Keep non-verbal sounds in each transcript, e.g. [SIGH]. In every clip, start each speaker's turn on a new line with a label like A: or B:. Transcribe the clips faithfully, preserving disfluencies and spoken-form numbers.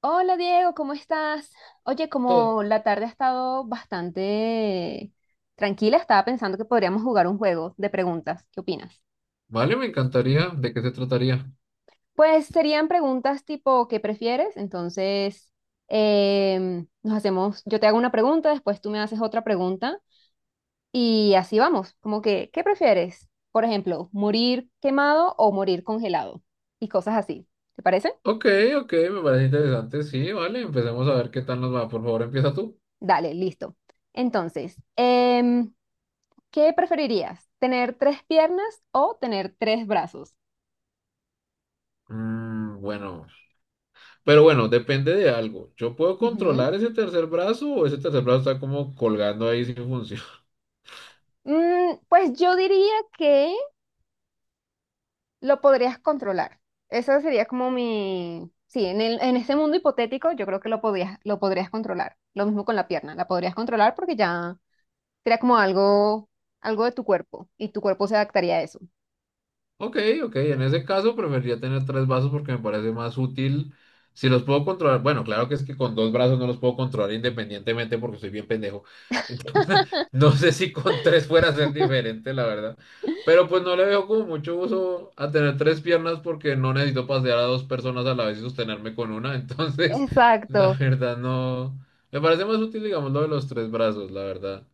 A: Hola Diego, ¿cómo estás? Oye,
B: Todo.
A: como la tarde ha estado bastante tranquila, estaba pensando que podríamos jugar un juego de preguntas. ¿Qué opinas?
B: Vale, me encantaría. ¿De qué se trataría?
A: Pues serían preguntas tipo ¿qué prefieres? Entonces, em, nos hacemos, yo te hago una pregunta, después tú me haces otra pregunta y así vamos, como que ¿qué prefieres? Por ejemplo, morir quemado o morir congelado y cosas así. ¿Te parece?
B: Ok, ok, me parece interesante. Sí, vale, empecemos a ver qué tal nos va. Por favor, empieza tú.
A: Dale, listo. Entonces, em, ¿qué preferirías? ¿Tener tres piernas o tener tres brazos?
B: Mm, bueno, pero bueno, depende de algo. ¿Yo puedo
A: Ujú.
B: controlar ese tercer brazo o ese tercer brazo está como colgando ahí sin función? [LAUGHS]
A: Mm, pues yo diría que lo podrías controlar. Eso sería como mi... Sí, en el, en este mundo hipotético yo creo que lo podías, lo podrías controlar. Lo mismo con la pierna, la podrías controlar porque ya sería como algo, algo de tu cuerpo y tu cuerpo se adaptaría a eso.
B: Ok, ok, en ese caso preferiría tener tres brazos porque me parece más útil. Si los puedo controlar, bueno, claro que es que con dos brazos no los puedo controlar independientemente porque soy bien pendejo. [LAUGHS] No sé si con tres fuera a ser diferente, la verdad. Pero pues no le veo como mucho uso a tener tres piernas porque no necesito pasear a dos personas a la vez y sostenerme con una. [LAUGHS] Entonces, la
A: Exacto.
B: verdad no. Me parece más útil, digamos, lo de los tres brazos, la verdad.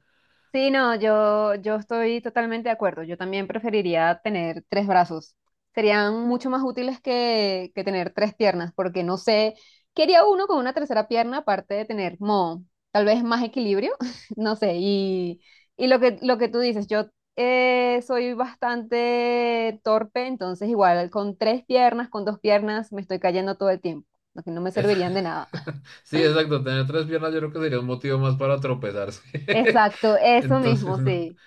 A: Sí, no, yo, yo estoy totalmente de acuerdo. Yo también preferiría tener tres brazos. Serían mucho más útiles que, que tener tres piernas, porque no sé, quería uno con una tercera pierna, aparte de tener como tal vez más equilibrio, [LAUGHS] no sé. Y, y lo que, lo que tú dices, yo eh, soy bastante torpe, entonces igual con tres piernas, con dos piernas, me estoy cayendo todo el tiempo, lo que no me
B: Es-
A: servirían de nada.
B: [LAUGHS] Sí, exacto. Tener tres piernas yo creo que sería un motivo más para
A: [LAUGHS]
B: tropezarse.
A: Exacto,
B: [LAUGHS]
A: eso mismo,
B: Entonces, no.
A: sí.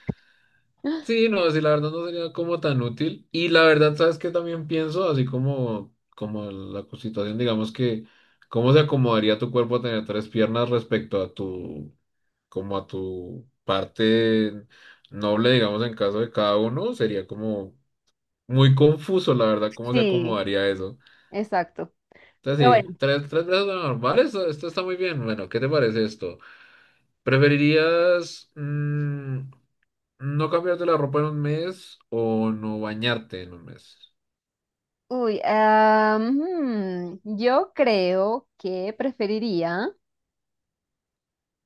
B: Sí, no, sí, la verdad no sería como tan útil. Y la verdad, ¿sabes qué también pienso? Así como, como la situación, digamos que, ¿cómo se acomodaría tu cuerpo a tener tres piernas respecto a tu, como a tu parte noble, digamos, en caso de cada uno? Sería como muy confuso, la verdad, cómo se
A: Sí,
B: acomodaría eso.
A: exacto. Pero
B: Entonces, sí,
A: bueno.
B: tres, tres brazos normales, esto, esto está muy bien. Bueno, ¿qué te parece esto? ¿Preferirías, mm, no cambiarte la ropa en un mes o no bañarte en un mes?
A: Uy, ah, hmm, yo creo que preferiría.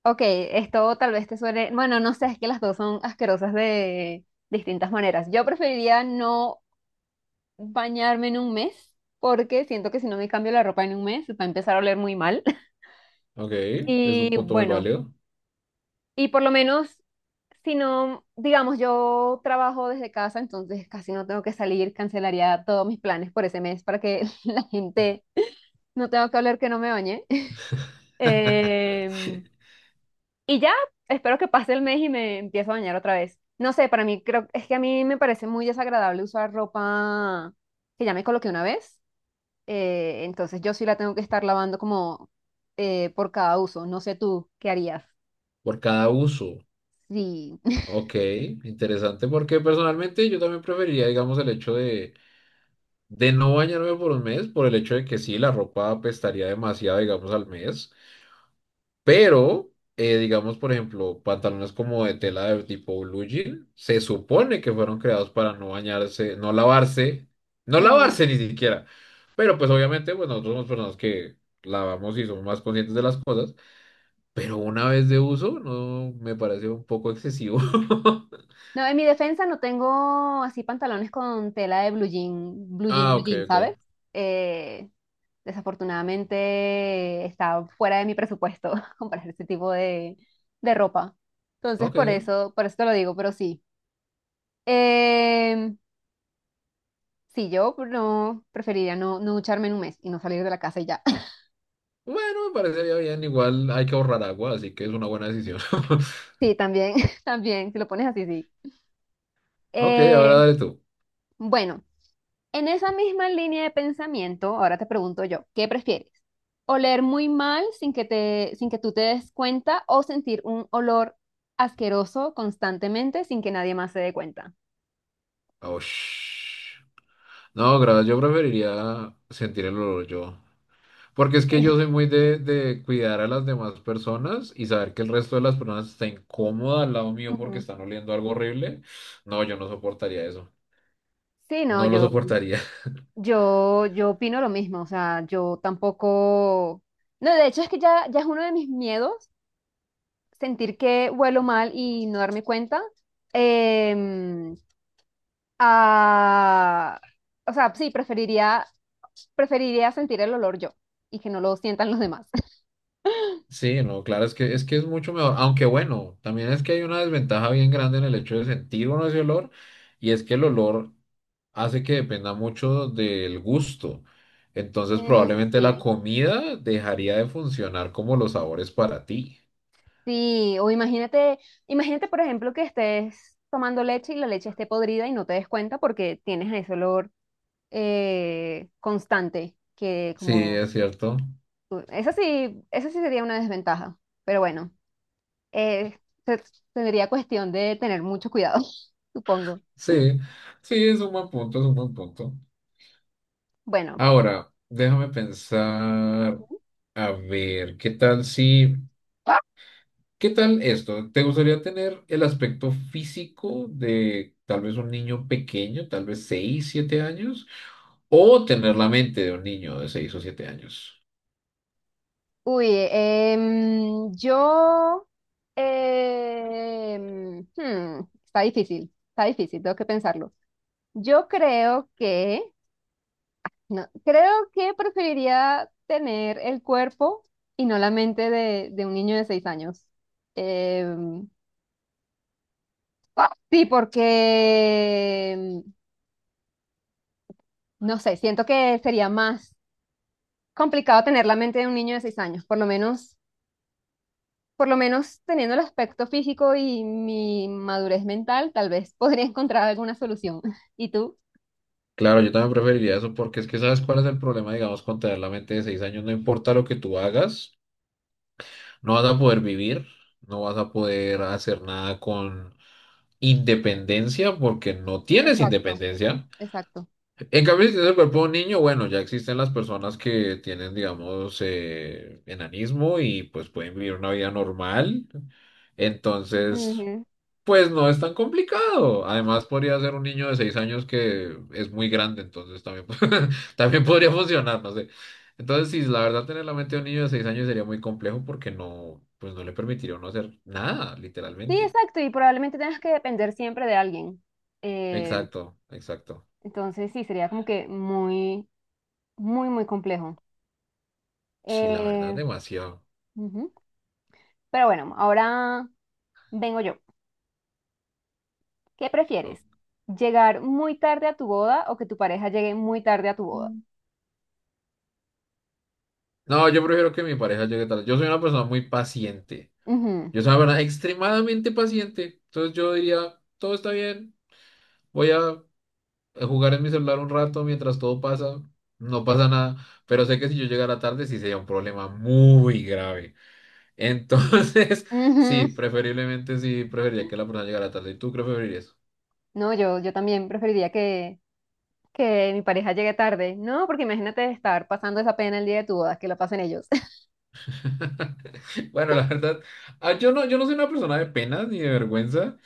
A: Ok, esto tal vez te suene. Bueno, no sé, es que las dos son asquerosas de distintas maneras. Yo preferiría no bañarme en un mes, porque siento que si no me cambio la ropa en un mes, va a empezar a oler muy mal. [LAUGHS]
B: Ok, es un
A: Y
B: punto muy
A: bueno,
B: válido.
A: y por lo menos, si no, digamos, yo trabajo desde casa, entonces casi no tengo que salir, cancelaría todos mis planes por ese mes para que [LAUGHS] la gente no tenga que hablar que no me bañe.
B: [LAUGHS]
A: Eh, y ya, espero que pase el mes y me empiezo a bañar otra vez. No sé, para mí creo, es que a mí me parece muy desagradable usar ropa que ya me coloqué una vez. Eh, entonces yo sí la tengo que estar lavando como eh, por cada uso. No sé tú, ¿qué harías?
B: Por cada uso.
A: Sí. [LAUGHS]
B: Ok, interesante porque personalmente yo también preferiría, digamos, el hecho de, de no bañarme por un mes, por el hecho de que sí, la ropa apestaría demasiado, digamos, al mes. Pero, eh, digamos, por ejemplo, pantalones como de tela de tipo blue jean, se supone que fueron creados para no bañarse, no lavarse, no
A: Mm.
B: lavarse ni siquiera. Pero pues obviamente, pues nosotros somos personas que lavamos y somos más conscientes de las cosas, pero una vez de uso, no, me parece un poco excesivo. [LAUGHS]
A: No, en mi defensa no tengo así pantalones con tela de blue jean, blue jean,
B: Ah,
A: blue
B: ok,
A: jean,
B: ok.
A: ¿sabes? Eh, Desafortunadamente está fuera de mi presupuesto [LAUGHS] comprar este tipo de, de ropa. Entonces,
B: Ok.
A: por eso, por eso te lo digo, pero sí. Em, sí, yo no preferiría no, no ducharme en un mes y no salir de la casa y ya. [LAUGHS]
B: Bueno, me parecería bien. Igual hay que ahorrar agua, así que es una buena decisión. [LAUGHS]
A: Sí, también, [LAUGHS] también, si lo pones así, sí.
B: Ok, ahora
A: Eh,
B: dale tú.
A: bueno, en esa misma línea de pensamiento, ahora te pregunto yo, ¿qué prefieres? ¿Oler muy mal sin que te, sin que tú te des cuenta o sentir un olor asqueroso constantemente sin que nadie más se dé cuenta?
B: Oh, No, gracias, yo preferiría sentir el olor yo. Porque es que
A: [LAUGHS]
B: yo
A: Sí.
B: soy muy de, de cuidar a las demás personas y saber que el resto de las personas está incómoda al lado mío porque
A: Ujú.
B: están oliendo algo horrible. No, yo no soportaría eso.
A: Sí, no,
B: No lo
A: yo,
B: soportaría. [LAUGHS]
A: yo, yo opino lo mismo, o sea, yo tampoco, no, de hecho es que ya, ya es uno de mis miedos sentir que huelo mal y no darme cuenta. Em, a- O sea, sí, preferiría, preferiría sentir el olor yo y que no lo sientan los demás. [LAUGHS]
B: Sí, no, claro, es que es que es mucho mejor. Aunque bueno, también es que hay una desventaja bien grande en el hecho de sentir uno ese olor y es que el olor hace que dependa mucho del gusto. Entonces
A: Mm,
B: probablemente la
A: sí.
B: comida dejaría de funcionar como los sabores para ti.
A: Sí, o imagínate, imagínate por ejemplo que estés tomando leche y la leche esté podrida y no te des cuenta porque tienes ese olor eh, constante, que
B: Sí,
A: como...
B: es cierto.
A: Esa sí, esa sí sería una desventaja, pero bueno, eh, se- tendría cuestión de tener mucho cuidado, [LAUGHS] supongo.
B: Sí, sí, es un buen punto, es un buen punto.
A: Bueno,
B: Ahora, déjame pensar, a ver, ¿qué tal si, qué tal esto? ¿Te gustaría tener el aspecto físico de tal vez un niño pequeño, tal vez seis, siete años, o tener la mente de un niño de seis o siete años?
A: uy, em, yo... em, hmm, está difícil, está difícil, tengo que pensarlo. Yo creo que... No, creo que preferiría tener el cuerpo y no la mente de, de un niño de seis años. Em, Sí, porque, mm, no sé, siento que sería más complicado tener la mente de un niño de seis años, por lo menos, por lo menos teniendo el aspecto físico y mi madurez mental, tal vez [LAUGHS] podría encontrar alguna solución. [LAUGHS] ¿Y tú?
B: Claro, yo también preferiría eso porque es que sabes cuál es el problema, digamos, con tener la mente de seis años, no importa lo que tú hagas. No vas a poder vivir, no vas a poder hacer nada con independencia porque no tienes
A: Exacto,
B: independencia.
A: exacto.
B: En cambio, si tienes el cuerpo de un niño, bueno, ya existen las personas que tienen, digamos, eh, enanismo y pues pueden vivir una vida normal. Entonces,
A: Ujú.
B: pues no es tan complicado. Además, podría ser un niño de seis años que es muy grande, entonces también, [LAUGHS] también podría funcionar, no sé. Entonces, sí, la verdad, tener la mente de un niño de seis años sería muy complejo porque no, pues no le permitiría no hacer nada,
A: Sí,
B: literalmente.
A: exacto, y probablemente tengas que depender siempre de alguien. Eh,
B: Exacto, exacto.
A: entonces, sí, sería como que muy, muy, muy complejo.
B: Sí, la verdad,
A: Eh,
B: demasiado.
A: ujú. Pero bueno, ahora vengo yo. ¿Qué prefieres?
B: Ok.
A: ¿Llegar muy tarde a tu boda o que tu pareja llegue muy tarde a tu boda?
B: Mm. No, yo prefiero que mi pareja llegue tarde. Yo soy una persona muy paciente.
A: Ujú,
B: Yo soy una persona extremadamente paciente. Entonces yo diría, todo está bien. Voy a eh, jugar en mi celular un rato mientras todo pasa, no pasa nada, pero sé que si yo llegara tarde sí sería un problema muy grave. Entonces, [LAUGHS] sí,
A: ujú.
B: preferiblemente sí, preferiría que la persona llegara tarde. ¿Y tú qué preferirías?
A: No, yo, yo también preferiría que, que mi pareja llegue tarde. No, porque imagínate estar pasando esa pena el día de tu boda, que la pasen ellos. [LAUGHS]
B: [LAUGHS] Bueno, la verdad, ah, yo no, yo no soy una persona de penas ni de vergüenza,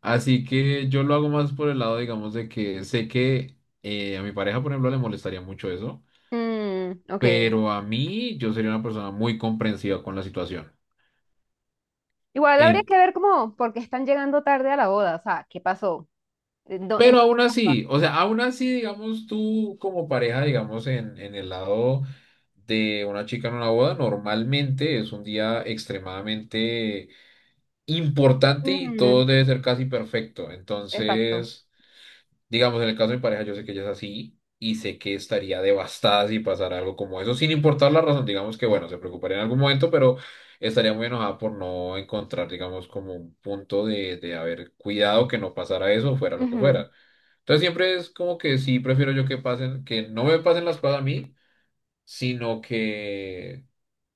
B: así que yo lo hago más por el lado, digamos, de que sé que eh, a mi pareja, por ejemplo, le molestaría mucho eso,
A: Mm, ok.
B: pero a mí yo sería una persona muy comprensiva con la situación.
A: Igual habría que ver cómo, por qué están llegando tarde a la boda. O sea, ¿qué pasó? ¿En dó- en
B: Pero
A: dónde
B: aún
A: estaban?
B: así, o sea, aún así, digamos, tú como pareja, digamos, en, en el lado de una chica en una boda, normalmente es un día extremadamente importante y
A: Ujú.
B: todo debe ser casi perfecto.
A: Exacto.
B: Entonces, digamos, en el caso de mi pareja, yo sé que ella es así y sé que estaría devastada si pasara algo como eso, sin importar la razón, digamos que, bueno, se preocuparía en algún momento, pero estaría muy enojada por no encontrar, digamos, como un punto de, de haber cuidado que no pasara eso, fuera lo que
A: Ujú.
B: fuera. Entonces siempre es como que sí prefiero yo que pasen, que no me pasen las cosas a mí, sino que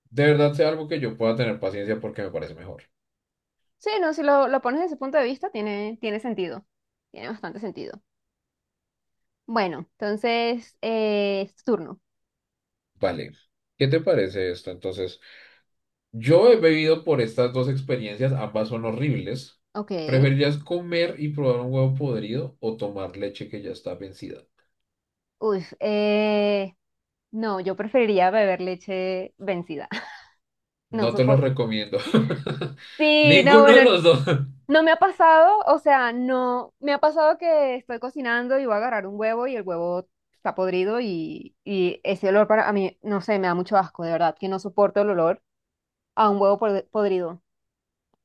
B: de verdad sea algo que yo pueda tener paciencia porque me parece mejor.
A: Sí, no, si lo, lo pones desde ese punto de vista, tiene, tiene sentido. Tiene bastante sentido. Bueno, entonces eh, es tu turno.
B: Vale, ¿qué te parece esto? Entonces, yo he bebido por estas dos experiencias, ambas son horribles.
A: Ok.
B: ¿Preferirías comer y probar un huevo podrido o tomar leche que ya está vencida?
A: Uy, eh, no, yo preferiría beber leche vencida. [LAUGHS] No
B: No te los
A: soporto.
B: recomiendo. [LAUGHS]
A: Sí, no,
B: Ninguno de
A: bueno,
B: los dos. [LAUGHS]
A: no me ha pasado, o sea, no, me ha pasado que estoy cocinando y voy a agarrar un huevo y el huevo está podrido y, y ese olor para a mí, no sé, me da mucho asco, de verdad, que no soporto el olor a un huevo pod- podrido.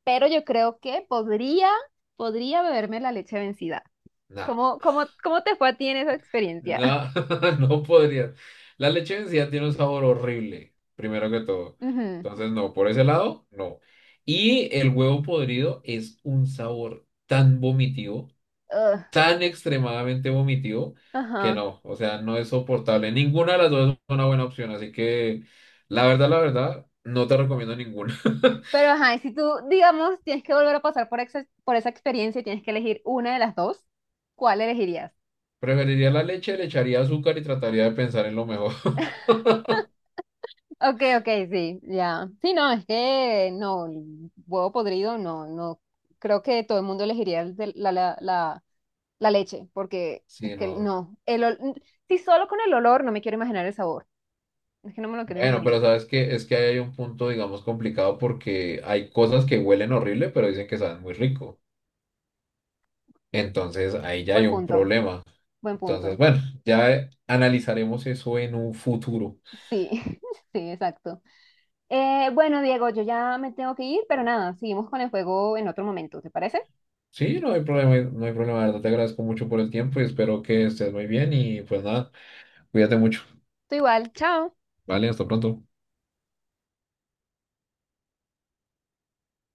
A: Pero yo creo que podría, podría beberme la leche vencida.
B: Nah.
A: ¿Cómo, cómo, cómo te fue a ti en esa experiencia?
B: No, [LAUGHS] no podría. La leche vencida tiene un sabor horrible, primero que todo.
A: Ujú.
B: Entonces, no, por ese lado, no. Y el huevo podrido es un sabor tan vomitivo,
A: Ugh,
B: tan extremadamente vomitivo, que
A: ajá.
B: no, o sea, no es soportable. Ninguna de las dos es una buena opción, así que la verdad, la verdad, no te recomiendo ninguna.
A: Pero ajá, y si tú, digamos, tienes que volver a pasar por, exa- por esa experiencia y tienes que elegir una de las dos, ¿cuál elegirías?
B: [LAUGHS] Preferiría la leche, le echaría azúcar y trataría de pensar en lo mejor. [LAUGHS]
A: Ok, ok, sí, ya. Sí, no, es que no, el huevo podrido, no, no. Creo que todo el mundo elegiría el de- la, la, la, la leche, porque es
B: Sí,
A: que
B: no.
A: no. El ol- si solo con el olor no me quiero imaginar el sabor. Es que no me lo quiero ni
B: Bueno, pero
A: imaginar.
B: sabes que es que ahí hay un punto, digamos, complicado porque hay cosas que huelen horrible, pero dicen que saben muy rico. Entonces ahí ya hay
A: Buen
B: un
A: punto,
B: problema.
A: buen
B: Entonces,
A: punto.
B: bueno, ya eh, analizaremos eso en un futuro.
A: Sí, [LAUGHS] sí, exacto. Eh, bueno, Diego, yo ya me tengo que ir, pero nada, seguimos con el juego en otro momento, ¿te parece?
B: Sí, no hay problema, no hay problema, de verdad. Te agradezco mucho por el tiempo y espero que estés muy bien y pues nada, cuídate mucho.
A: Tú igual, chao.
B: Vale, hasta pronto.